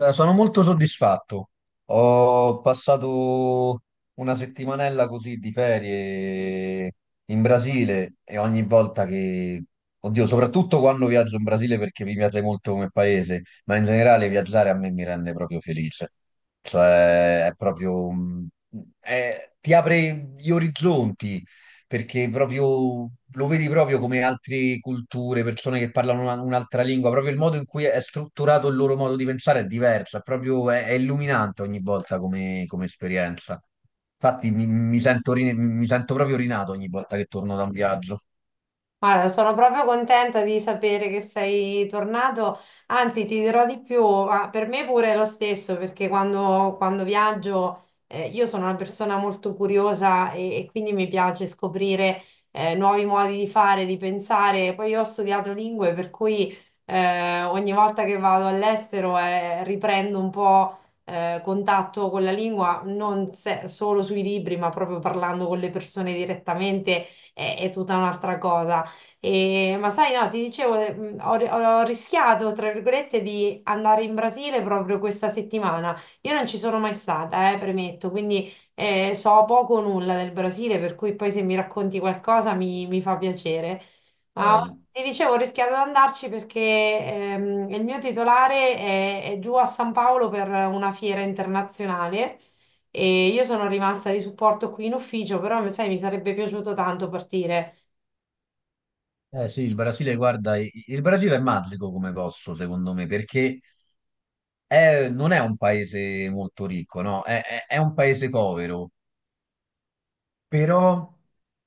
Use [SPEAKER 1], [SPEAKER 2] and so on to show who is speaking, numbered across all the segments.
[SPEAKER 1] Sono molto soddisfatto. Ho passato una settimanella così di ferie in Brasile e ogni volta che, oddio, soprattutto quando viaggio in Brasile perché mi piace molto come paese, ma in generale viaggiare a me mi rende proprio felice. Cioè, è proprio, ti apre gli orizzonti, perché proprio lo vedi proprio come altre culture, persone che parlano un'altra lingua, proprio il modo in cui è strutturato il loro modo di pensare è diverso, è proprio, è illuminante ogni volta come esperienza. Infatti mi mi sento proprio rinato ogni volta che torno da un viaggio.
[SPEAKER 2] Guarda, sono proprio contenta di sapere che sei tornato, anzi ti dirò di più, ma per me pure è lo stesso, perché quando viaggio, io sono una persona molto curiosa e quindi mi piace scoprire nuovi modi di fare, di pensare. Poi io ho studiato lingue, per cui ogni volta che vado all'estero, riprendo un po' contatto con la lingua, non solo sui libri, ma proprio parlando con le persone direttamente, è tutta un'altra cosa. Ma sai, no, ti dicevo, ho rischiato, tra virgolette, di andare in Brasile proprio questa settimana. Io non ci sono mai stata, premetto, quindi so poco o nulla del Brasile, per cui poi se mi racconti qualcosa mi fa piacere. Ma
[SPEAKER 1] Eh, il-
[SPEAKER 2] ti dicevo, ho rischiato di andarci perché il mio titolare è giù a San Paolo per una fiera internazionale. E io sono rimasta di supporto qui in ufficio, però sai, mi sarebbe piaciuto tanto partire.
[SPEAKER 1] eh sì, il Brasile, guarda, il Brasile è magico come posso secondo me, perché non è un paese molto ricco, no? È un paese povero, però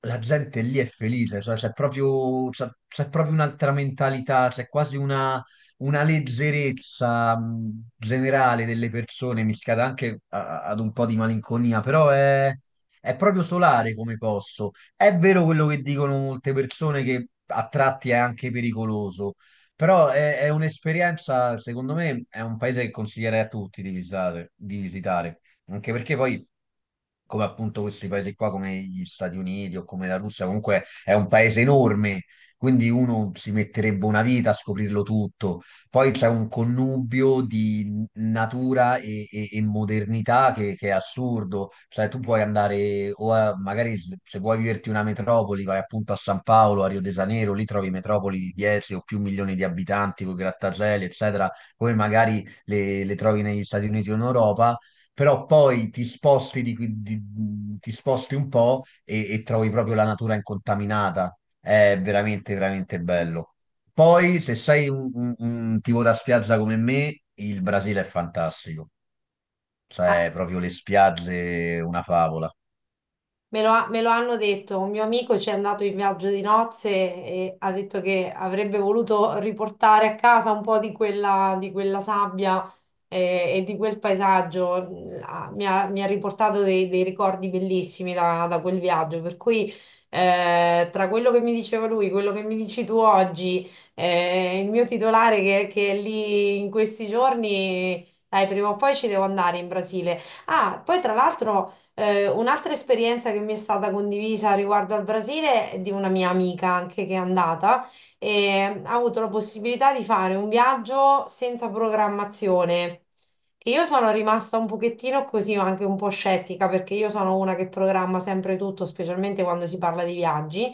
[SPEAKER 1] la gente lì è felice, cioè c'è proprio, c'è proprio un'altra mentalità, c'è quasi una leggerezza generale delle persone, mischiata anche ad un po' di malinconia, però, è proprio solare come posso. È vero quello che dicono molte persone che a tratti è anche pericoloso, però è un'esperienza, secondo me, è un paese che consiglierei a tutti di visitare, di visitare. Anche perché poi, come appunto questi paesi qua, come gli Stati Uniti o come la Russia, comunque è un paese enorme, quindi uno si metterebbe una vita a scoprirlo tutto. Poi c'è un connubio di natura e modernità che è assurdo. Cioè, tu puoi magari se vuoi viverti una metropoli, vai appunto a San Paolo, a Rio de Janeiro, lì trovi metropoli di 10 o più milioni di abitanti, con grattacieli, eccetera, come magari le trovi negli Stati Uniti o in Europa. Però poi ti sposti, ti sposti un po' e trovi proprio la natura incontaminata. È veramente, veramente bello. Poi, se sei un tipo da spiaggia come me, il Brasile è fantastico. Cioè, proprio le spiagge, una favola.
[SPEAKER 2] Me lo hanno detto, un mio amico ci è andato in viaggio di nozze e ha detto che avrebbe voluto riportare a casa un po' di quella sabbia e di quel paesaggio. Ah, mi ha riportato dei ricordi bellissimi da quel viaggio, per cui tra quello che mi diceva lui, quello che mi dici tu oggi, il mio titolare che è lì in questi giorni, dai, prima o poi ci devo andare in Brasile. Ah, poi tra l'altro. Un'altra esperienza che mi è stata condivisa riguardo al Brasile è di una mia amica anche che è andata e ha avuto la possibilità di fare un viaggio senza programmazione. Che io sono rimasta un pochettino così, ma anche un po' scettica perché io sono una che programma sempre tutto, specialmente quando si parla di viaggi.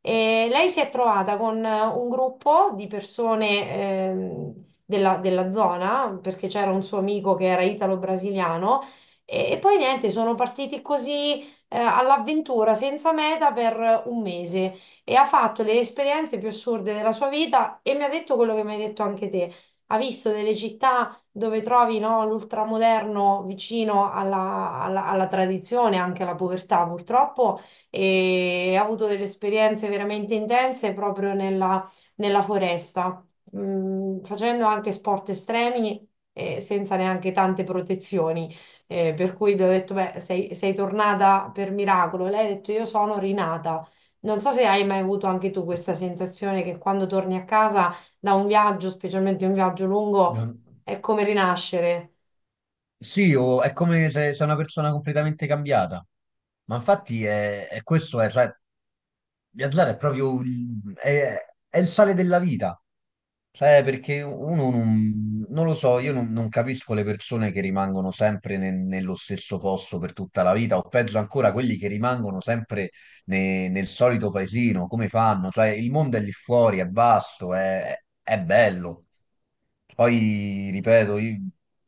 [SPEAKER 2] E lei si è trovata con un gruppo di persone, della zona, perché c'era un suo amico che era italo-brasiliano e poi niente, sono partiti così, all'avventura, senza meta, per un mese, e ha fatto le esperienze più assurde della sua vita e mi ha detto quello che mi hai detto anche te. Ha visto delle città dove trovi, no, l'ultramoderno vicino alla tradizione, anche alla povertà purtroppo, e ha avuto delle esperienze veramente intense proprio nella foresta, facendo anche sport estremi e senza neanche tante protezioni. Per cui gli ho detto, beh, sei tornata per miracolo. E lei ha detto, io sono rinata. Non so se hai mai avuto anche tu questa sensazione che quando torni a casa da un viaggio, specialmente un viaggio lungo,
[SPEAKER 1] Non-
[SPEAKER 2] è come rinascere.
[SPEAKER 1] Sì, o è come se sei una persona completamente cambiata. Ma infatti è questo, cioè, viaggiare è proprio è il sale della vita. Cioè, perché uno non lo so, io non capisco le persone che rimangono sempre nello stesso posto per tutta la vita, o peggio ancora quelli che rimangono sempre nel solito paesino, come fanno? Cioè, il mondo è lì fuori, è vasto, è bello. Poi, ripeto, io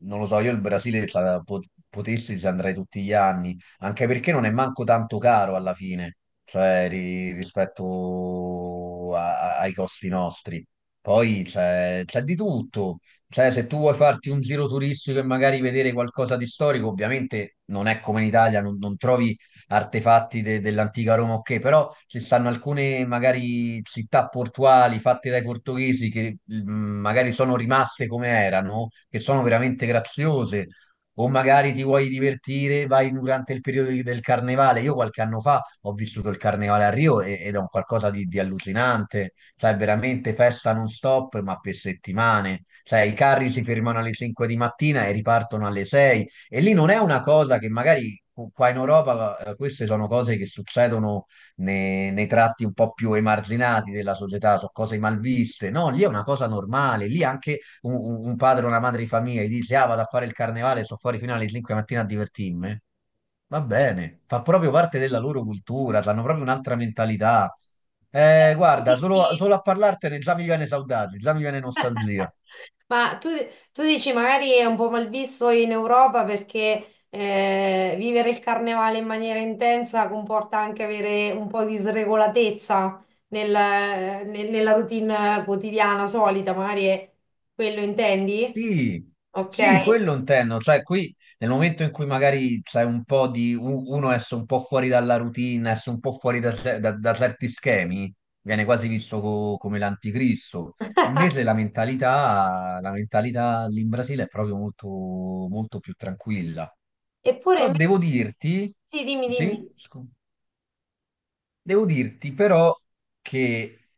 [SPEAKER 1] non lo so, io il potessi ci andrei tutti gli anni, anche perché non è manco tanto caro alla fine, cioè rispetto ai costi nostri. Poi c'è di tutto, cioè se tu vuoi farti un giro turistico e magari vedere qualcosa di storico, ovviamente non è come in Italia, non trovi artefatti dell'antica Roma, ok, però ci stanno alcune magari città portuali fatte dai portoghesi che magari sono rimaste come erano, che sono veramente graziose. O magari ti vuoi divertire, vai durante il periodo del carnevale. Io qualche anno fa ho vissuto il carnevale a Rio ed è un qualcosa di allucinante. Cioè, veramente festa non stop, ma per settimane. Cioè, i carri si fermano alle 5 di mattina e ripartono alle 6, e lì non è una cosa che magari qua in Europa, queste sono cose che succedono nei tratti un po' più emarginati della società, sono cose malviste. No, lì è una cosa normale. Lì anche un padre o una madre di famiglia gli dice: ah, vado a fare il carnevale, sto fuori fino alle 5 di mattina a divertirmi. Va bene, fa proprio parte della loro cultura, hanno proprio un'altra mentalità.
[SPEAKER 2] Eh,
[SPEAKER 1] Guarda,
[SPEAKER 2] Sì, sì.
[SPEAKER 1] solo a parlartene già mi viene saudade, già mi viene nostalgia.
[SPEAKER 2] Ma tu dici, magari è un po' malvisto in Europa perché vivere il carnevale in maniera intensa comporta anche avere un po' di sregolatezza nella routine quotidiana solita, magari è quello intendi?
[SPEAKER 1] Sì, sì,
[SPEAKER 2] Ok.
[SPEAKER 1] quello intendo, cioè qui nel momento in cui magari c'è un po' uno esce un po' fuori dalla routine, esce un po' fuori da certi schemi, viene quasi visto come l'anticristo. Invece la mentalità lì in Brasile è proprio molto, molto più tranquilla.
[SPEAKER 2] Eppure
[SPEAKER 1] Però
[SPEAKER 2] invece,
[SPEAKER 1] devo dirti,
[SPEAKER 2] sì, dimmi,
[SPEAKER 1] sì,
[SPEAKER 2] dimmi,
[SPEAKER 1] devo dirti però che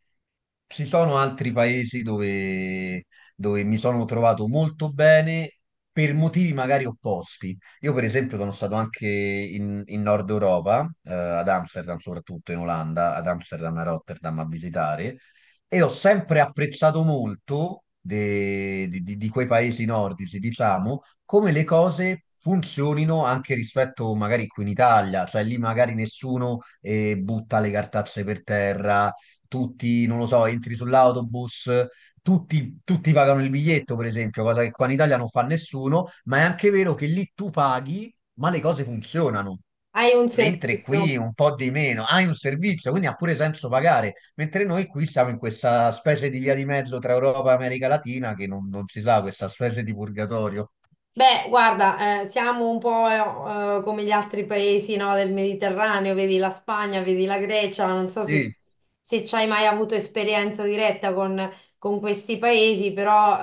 [SPEAKER 1] ci sono altri paesi dove, dove mi sono trovato molto bene per motivi magari opposti. Io per esempio sono stato anche in Nord Europa, ad Amsterdam soprattutto in Olanda, ad Amsterdam e a Rotterdam a visitare, e ho sempre apprezzato molto di quei paesi nordici, diciamo, come le cose funzionino anche rispetto magari qui in Italia, cioè lì magari nessuno butta le cartacce per terra, tutti, non lo so, entri sull'autobus, tutti pagano il biglietto, per esempio, cosa che qua in Italia non fa nessuno, ma è anche vero che lì tu paghi, ma le cose funzionano.
[SPEAKER 2] hai un
[SPEAKER 1] Mentre
[SPEAKER 2] servizio.
[SPEAKER 1] qui un po' di meno, hai un servizio, quindi ha pure senso pagare, mentre noi qui siamo in questa specie di via di mezzo tra Europa e America Latina che non si sa, questa specie di purgatorio.
[SPEAKER 2] Beh, guarda, siamo un po', come gli altri paesi, no, del Mediterraneo, vedi la Spagna, vedi la Grecia, non so se,
[SPEAKER 1] Sì,
[SPEAKER 2] se ci hai mai avuto esperienza diretta con questi paesi, però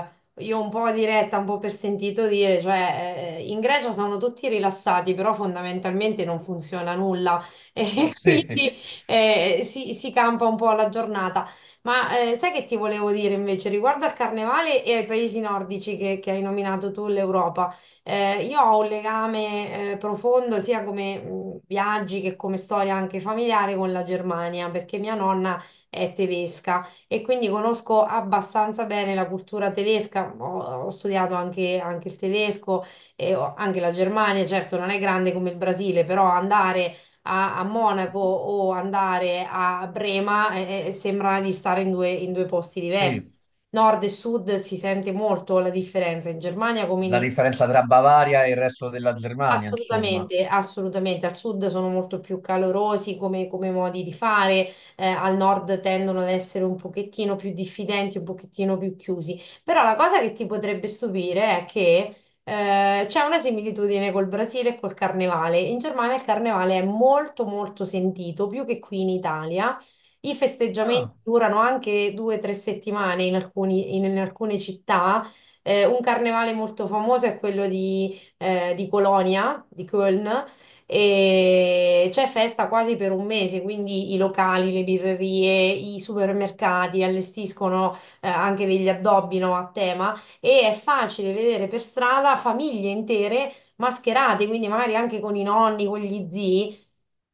[SPEAKER 2] eh, io un po' diretta, un po' per sentito dire, cioè in Grecia sono tutti rilassati, però fondamentalmente non funziona nulla e
[SPEAKER 1] sì,
[SPEAKER 2] quindi si campa un po' alla giornata. Ma sai che ti volevo dire invece riguardo al carnevale e ai paesi nordici che hai nominato tu, l'Europa? Io ho un legame profondo sia come viaggi che come storia anche familiare con la Germania, perché mia nonna è tedesca e quindi conosco abbastanza bene la cultura tedesca. Ho studiato anche il tedesco e anche la Germania, certo non è grande come il Brasile, però andare a Monaco o andare a Brema, sembra di stare in due posti diversi.
[SPEAKER 1] sì,
[SPEAKER 2] Nord e sud si sente molto la differenza in Germania, come
[SPEAKER 1] la
[SPEAKER 2] in.
[SPEAKER 1] differenza tra Bavaria e il resto della Germania, insomma.
[SPEAKER 2] Assolutamente, assolutamente. Al sud sono molto più calorosi come modi di fare, al nord tendono ad essere un pochettino più diffidenti, un pochettino più chiusi. Però la cosa che ti potrebbe stupire è che c'è una similitudine col Brasile e col Carnevale. In Germania il Carnevale è molto molto sentito, più che qui in Italia. I festeggiamenti
[SPEAKER 1] Ah,
[SPEAKER 2] durano anche 2 o 3 settimane in in alcune città. Un carnevale molto famoso è quello di Colonia, di Köln, e c'è festa quasi per un mese, quindi i locali, le birrerie, i supermercati allestiscono anche degli addobbi, no, a tema, e è facile vedere per strada famiglie intere mascherate, quindi magari anche con i nonni, con gli zii.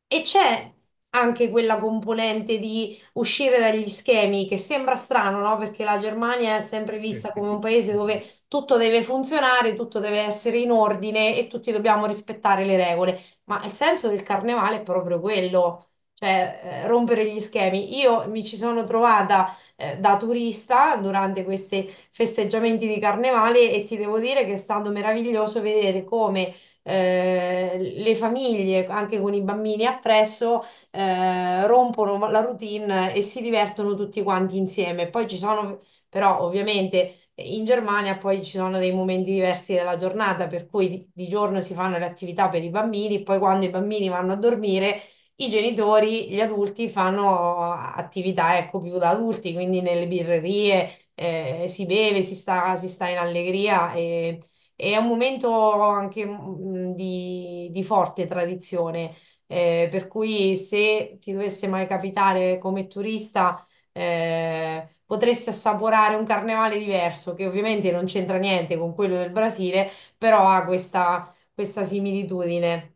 [SPEAKER 2] E c'è anche quella componente di uscire dagli schemi che sembra strano, no? Perché la Germania è sempre
[SPEAKER 1] che-
[SPEAKER 2] vista come
[SPEAKER 1] che-
[SPEAKER 2] un paese
[SPEAKER 1] vedi.
[SPEAKER 2] dove tutto deve funzionare, tutto deve essere in ordine e tutti dobbiamo rispettare le regole. Ma il senso del carnevale è proprio quello, cioè rompere gli schemi. Io mi ci sono trovata da turista durante questi festeggiamenti di carnevale e ti devo dire che è stato meraviglioso vedere come le famiglie, anche con i bambini appresso, rompono la routine e si divertono tutti quanti insieme. Poi ci sono, però ovviamente in Germania poi ci sono dei momenti diversi della giornata, per cui di giorno si fanno le attività per i bambini, poi quando i bambini vanno a dormire, i genitori, gli adulti fanno attività, ecco, più da adulti, quindi nelle birrerie, si beve, si sta in allegria, e è un momento anche, di forte tradizione. Per cui se ti dovesse mai capitare come turista, potresti assaporare un carnevale diverso, che ovviamente non c'entra niente con quello del Brasile, però ha questa similitudine.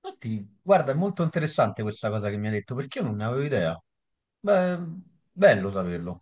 [SPEAKER 1] Infatti, guarda, è molto interessante questa cosa che mi hai detto, perché io non ne avevo idea. Beh, bello saperlo.